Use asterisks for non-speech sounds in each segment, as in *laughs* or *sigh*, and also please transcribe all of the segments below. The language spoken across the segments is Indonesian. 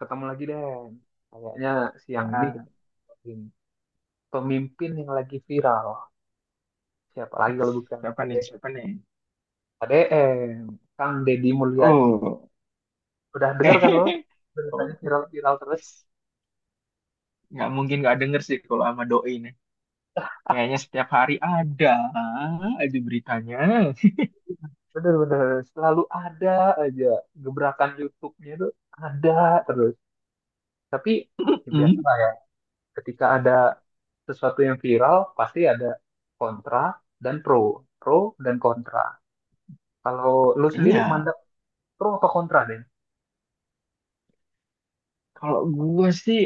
Ketemu lagi deh. Kayaknya siang ini Ah, kita ngobrolin pemimpin yang lagi viral. Siapa lagi us, kalau bukan Siapa KD, nih? Siapa nih? KDM, Kang Deddy Mulyadi. Oh, Udah denger kan lo? *laughs* oh, Beritanya viral-viral terus. us, nggak mungkin nggak denger sih kalau sama doi nih. Kayaknya setiap hari ada aja beritanya. *laughs* Bener-bener selalu ada aja gebrakan YouTube-nya itu ada terus. Tapi ya biasa Mm, lah ya. Ketika ada sesuatu yang viral, pasti ada kontra dan pro, pro dan kontra. Kalau lu sendiri Iya, mandang pro apa kontra deh? kalau gue sih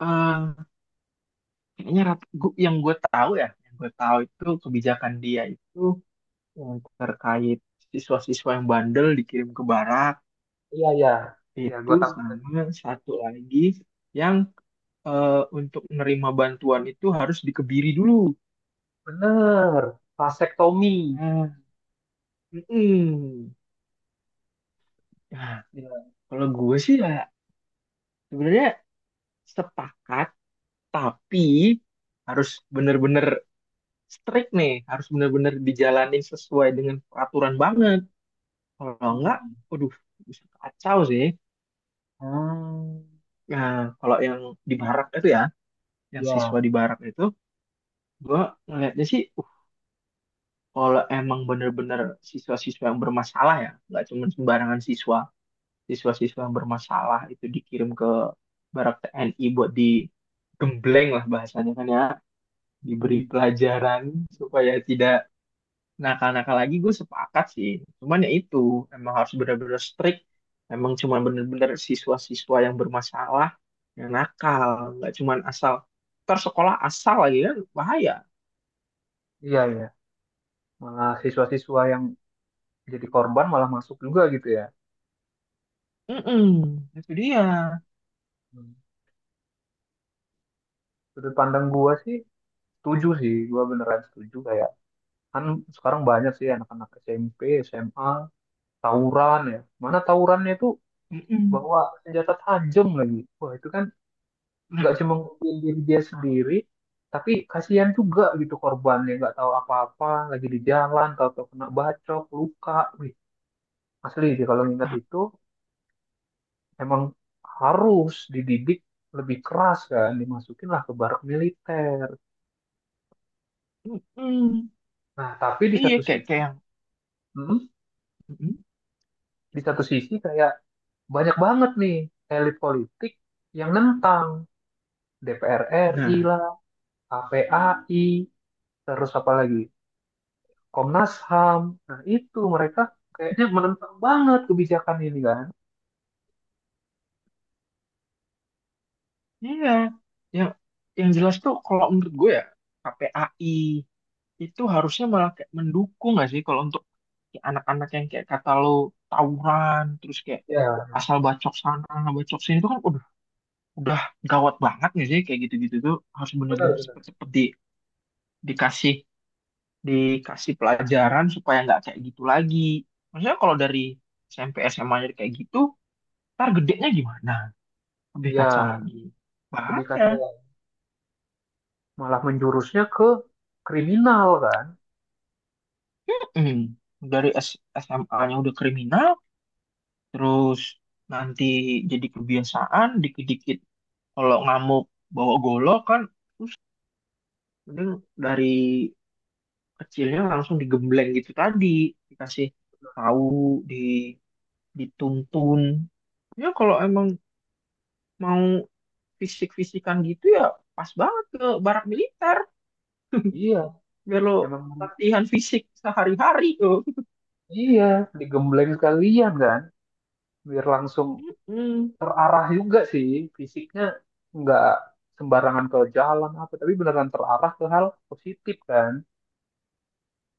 eh, kayaknya yang gue tahu ya, yang gue tahu itu kebijakan dia itu yang terkait siswa-siswa yang bandel dikirim ke barak Iya, iya. Iya, itu gue tahu. sama satu lagi yang eh, untuk menerima bantuan itu harus dikebiri dulu. Bener. Vasektomi. Nah, mm-mm. Nah, Iya. kalau gue sih ya sebenarnya sepakat, tapi harus bener-bener strict nih, harus bener-bener dijalanin sesuai dengan peraturan banget. Kalau enggak, Mm-mm. waduh, bisa kacau sih. Hmm. Nah, kalau yang di barak itu ya, yang siswa Ya. di barak itu, gue ngeliatnya sih, kalau emang bener-bener siswa-siswa yang bermasalah ya, nggak cuma sembarangan siswa siswa-siswa yang bermasalah itu dikirim ke Barak TNI buat digembleng lah bahasanya kan ya, diberi Mm-mm. pelajaran supaya tidak nakal-nakal lagi, gue sepakat sih. Cuman ya itu, emang harus benar-benar strict, emang cuma benar-benar siswa-siswa yang bermasalah, yang nakal, nggak cuman asal, ntar sekolah asal lagi kan bahaya. Iya, iya. Malah siswa-siswa yang jadi korban malah masuk juga gitu ya. Mm-mm, itu dia. Hmm. Sudut pandang gue sih setuju sih. Gue beneran setuju kayak. Kan sekarang banyak sih anak-anak SMP, SMA, tawuran ya. Mana tawurannya itu Mm-mm. bawa senjata tajam lagi. Wah, itu kan Nah, nggak cuma ngurusin diri dia sendiri, tapi kasihan juga gitu korbannya nggak tahu apa-apa, lagi di jalan tahu-tahu kena bacok luka. Wih, asli sih kalau ngingat ah, itu emang harus dididik lebih keras kan, dimasukin lah ke barak militer. mm-mm. Nah, tapi di Iya satu kayak sisi, kayak yang, hmm, mm-mm. di satu sisi kayak banyak banget nih elit politik yang nentang, DPR RI Nah, lah, KPAI, terus apa lagi, Komnas HAM. Nah, itu mereka kayaknya menentang banget kebijakan ini kan. iya, yang yang jelas tuh kalau menurut gue ya, KPAI itu harusnya malah kayak mendukung nggak sih? Kalau untuk kayak anak-anak yang kayak kata lo tawuran terus kayak Ya, asal bacok sana bacok sini itu kan udah gawat banget nggak sih? Kayak gitu-gitu tuh harus benar bener-bener benar. cepet-cepet dikasih dikasih pelajaran supaya nggak kayak gitu lagi. Maksudnya kalau dari SMP SMA kayak gitu, ntar gedenya gimana? Lebih kacau Ya, lagi. lebih kacau. Bahaya. Benar. Malah menjurusnya ke kriminal kan. Hmm, dari SMA-nya udah kriminal, terus nanti jadi kebiasaan, dikit-dikit kalau ngamuk bawa golok kan, mending dari kecilnya langsung digembleng gitu tadi, dikasih tahu, di dituntun. Ya kalau emang mau fisik-fisikan gitu ya pas banget ke barak militer, Iya, biar lo emang latihan fisik sehari-hari tuh. iya, digembleng sekalian kan. Biar langsung Hmm, terarah juga sih fisiknya, nggak sembarangan ke jalan apa, tapi beneran terarah ke hal positif kan.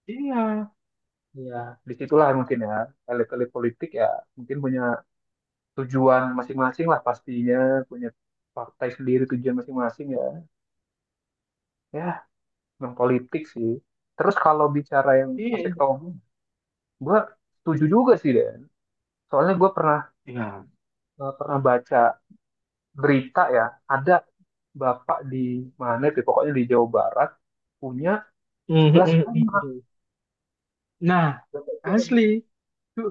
iya, Iya. Disitulah mungkin ya elit-elit politik ya mungkin punya tujuan masing-masing lah pastinya, punya partai sendiri tujuan masing-masing ya, ya memang politik sih. Terus kalau bicara yang Pak iya, Sekto ngomong, gue setuju juga sih Dan, soalnya gue pernah iya. Pernah baca berita ya, ada bapak di mana tuh pokoknya di Jawa Barat, punya Hmm, hmm, sebelas hmm, anak hmm. Nah, Bapak itu kan, ya. asli. Itu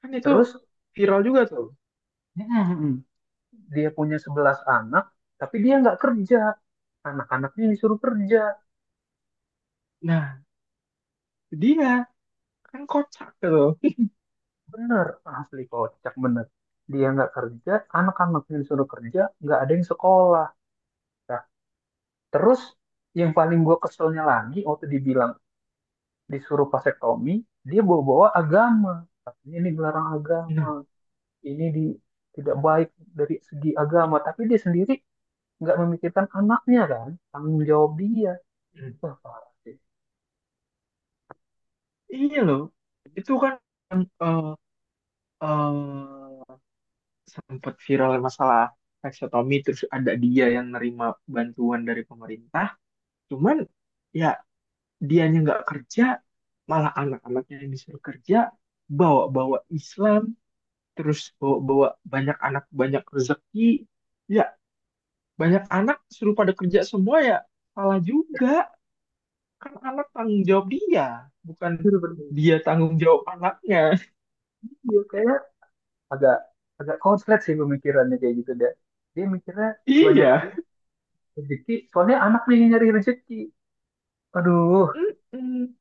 kan itu Terus, viral juga tuh. mm-mm, dia punya 11 anak tapi dia nggak kerja, anak-anaknya disuruh kerja. Nah, dia kan kocak tuh. Bener, asli kocak bener. Dia nggak kerja, anak-anaknya disuruh kerja, nggak ada yang sekolah. Nah, terus yang paling gue keselnya lagi waktu dibilang disuruh vasektomi, dia bawa-bawa agama. Katanya ini dilarang agama, Nah, ini tidak baik dari segi agama. Tapi dia sendiri nggak memikirkan anaknya kan, tanggung jawab dia. Wah, parah sih. iya loh. Itu kan eh sempat viral masalah seksotomi terus ada dia yang nerima bantuan dari pemerintah. Cuman ya dianya nggak kerja, malah anak-anaknya yang disuruh kerja, bawa-bawa Islam, terus bawa-bawa banyak anak banyak rezeki. Ya banyak anak suruh pada kerja semua ya salah juga, kan anak tanggung jawab dia, bukan Itu bener. dia tanggung jawab anaknya. Dia kayak agak agak konslet sih pemikirannya kayak gitu deh. Dia mikirnya *laughs* banyak Iya. rezeki soalnya anak nih yang nyari rezeki, aduh, Mm-mm.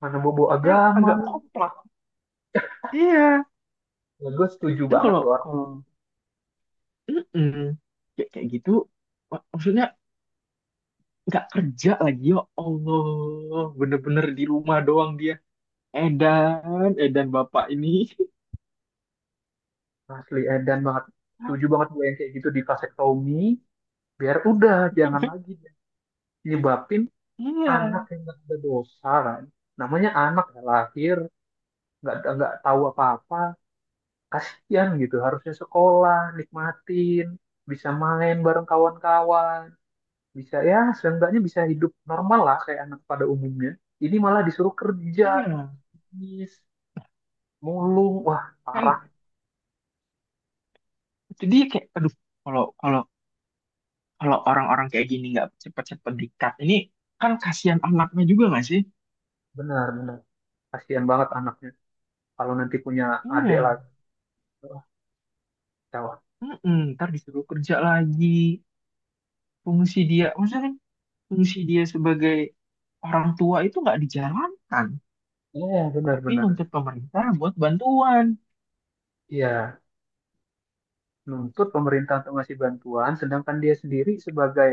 mana bobo Kan agama. agak kompleks. Iya, Ya, gue setuju kan banget kalau loh. kalau mm-mm. Ya, kayak gitu maksudnya nggak kerja lagi ya Allah, bener-bener di rumah doang dia, edan edan bapak ini. Asli edan banget, setuju banget gue yang kayak gitu di vasektomi biar udah jangan *laughs* lagi nyebabin Iya. anak yang nggak ada dosa kan. Namanya anak ya, lahir nggak tahu apa-apa, kasian gitu, harusnya sekolah nikmatin, bisa main bareng kawan-kawan, bisa ya seenggaknya bisa hidup normal lah kayak anak pada umumnya. Ini malah disuruh kerja, Iya, bisnis, mulung. Wah, parah. kan jadi kayak aduh, kalau kalau kalau orang-orang kayak gini nggak cepet-cepet dikat ini, kan kasihan anaknya juga nggak sih? Benar benar, kasihan banget anaknya kalau nanti punya adik Iya, lagi. Wah, kacau. mm, ntar disuruh kerja lagi. Fungsi dia maksudnya kan, fungsi dia sebagai orang tua itu nggak dijalankan, Iya, benar tapi benar. nuntut pemerintah buat bantuan. Iya, nuntut pemerintah untuk ngasih bantuan sedangkan dia sendiri sebagai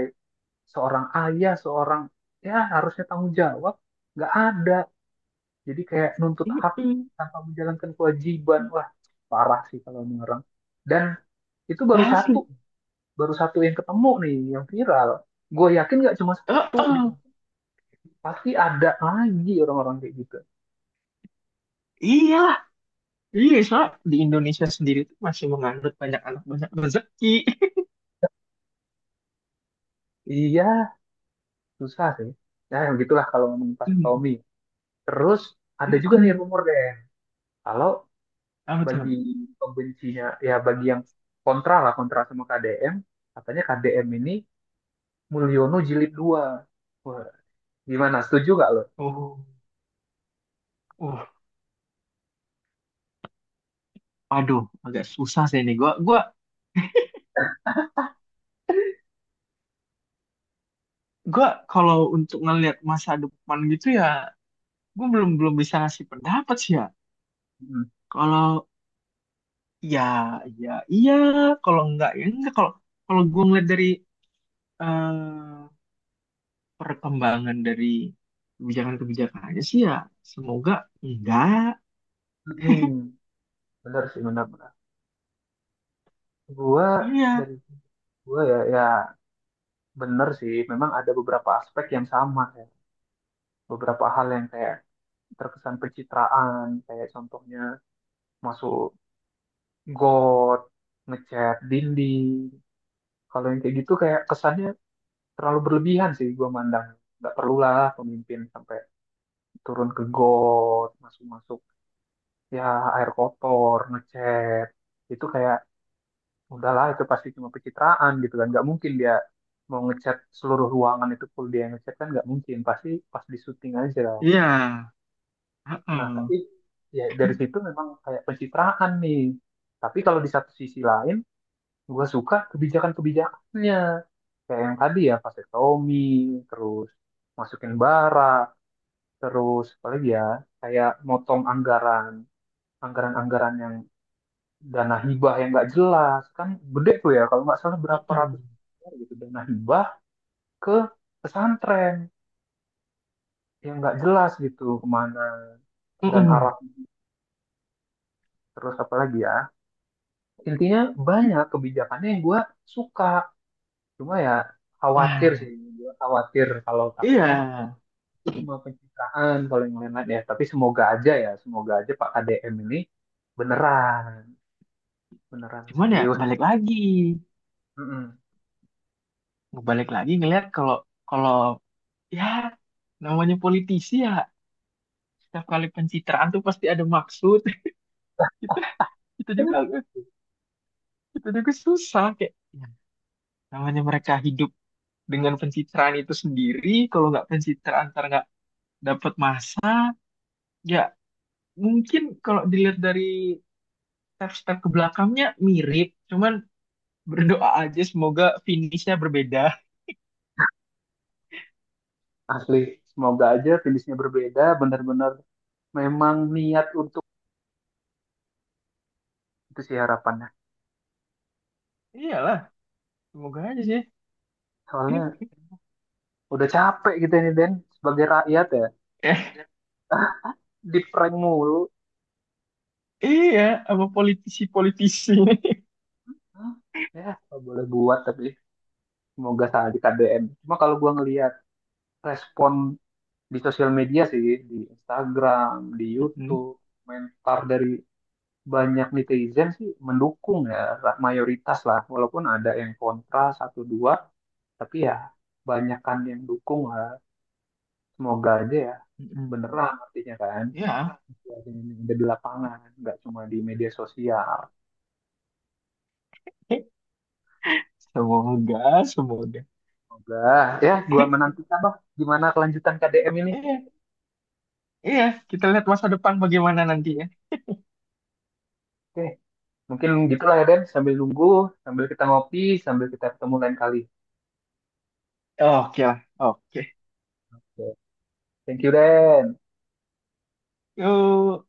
seorang ayah, seorang, ya harusnya tanggung jawab, nggak ada. Jadi kayak nuntut hak Mm. tanpa menjalankan kewajiban. Wah, parah sih kalau ini orang. Dan itu baru Asli. satu, baru satu yang ketemu nih yang viral. Gue yakin nggak cuma satu, Heeh. pasti ada lagi orang-orang kayak gitu. Iyalah, iya, soalnya di Indonesia sendiri tuh masih menganut banyak anak banyak rezeki. Iya, susah sih. Nah, begitulah kalau ngomongin vasektomi. *laughs* Terus ada juga nih Mm-mm. rumor deh, kalau Apa tuh? bagi pembencinya, ya bagi yang kontra lah, kontra sama KDM, katanya KDM ini Mulyono jilid 2. Wah, gimana? Setuju gak lo? Oh oh, aduh, agak susah sih ini gua Gue kalau untuk ngelihat masa depan gitu ya, gue belum belum bisa ngasih pendapat sih ya. Hmm. Kalau ya ya iya, kalau enggak ya enggak. Kalau kalau gue ngeliat dari eh, perkembangan dari kebijakan-kebijakannya sih ya, semoga enggak. Hmm, bener sih, bener, bener. Gua, Iya, dari gua ya, ya bener sih. Memang ada beberapa aspek yang sama ya. Beberapa hal yang kayak terkesan pencitraan, kayak contohnya masuk got, ngecat dinding. Kalau yang kayak gitu kayak kesannya terlalu berlebihan sih gua mandang. Nggak perlulah pemimpin sampai turun ke got, masuk-masuk ya air kotor, ngecat. Itu kayak, udahlah itu pasti cuma pencitraan gitu kan. Nggak mungkin dia mau ngecat seluruh ruangan itu full dia yang ngecat kan, nggak mungkin. Pasti pas di syuting aja. iya. Nah, Heeh. tapi ya dari situ memang kayak pencitraan nih. Tapi kalau di satu sisi lain, gue suka kebijakan-kebijakannya kayak yang tadi ya vasektomi, terus masukin bara, terus apalagi ya, kayak motong anggaran, anggaran-anggaran yang dana hibah yang nggak jelas kan, gede tuh ya kalau nggak salah berapa Heeh. ratus miliar gitu dana hibah ke pesantren yang nggak jelas gitu kemana dan Heeh. arah. Terus apalagi ya, intinya banyak kebijakannya yang gue suka, cuma ya khawatir sih, Ah, gue khawatir kalau iya. takutnya itu cuma pencitraan kalau yang lain-lain ya, tapi semoga aja ya, semoga aja Pak KDM ini beneran beneran Cuman ya serius. Mm-mm. balik lagi ngelihat kalau kalau ya namanya politisi ya, setiap kali pencitraan tuh pasti ada maksud. *laughs* kita kita juga kita juga susah kayak ya, namanya mereka hidup dengan pencitraan itu sendiri, kalau nggak pencitraan ntar nggak dapat masa. Ya mungkin kalau dilihat dari step-step ke belakangnya mirip, cuman berdoa aja semoga finishnya berbeda. Asli, semoga aja finishnya berbeda, bener-bener memang niat untuk itu sih harapannya. *laughs* Iyalah, semoga aja sih. Soalnya udah capek gitu ini Den sebagai rakyat ya, *laughs* Eh, di prank mulu. iya, sama politisi-politisi. *laughs* Hah? Ya nggak boleh buat, tapi semoga salah di KDM. Cuma kalau gua ngelihat respon di sosial media sih, di Instagram, di Mm-mm. YouTube, komentar dari banyak netizen sih mendukung ya, mayoritas lah, walaupun ada yang kontra satu dua, tapi ya banyakan yang dukung lah. Semoga aja ya Mm-mm. beneran, artinya kan Ya. situasi ini ada di lapangan nggak cuma di media sosial. *laughs* Semoga, semoga. Semoga ya, gua *laughs* menantikan lah gimana kelanjutan KDM ini. Iya, iya, kita lihat masa depan bagaimana nantinya. Oke, mungkin gitulah ya Den, sambil nunggu, sambil kita ngopi, sambil kita ketemu lain kali. Oke lah, oke. Oke. Thank you Den. Yuk,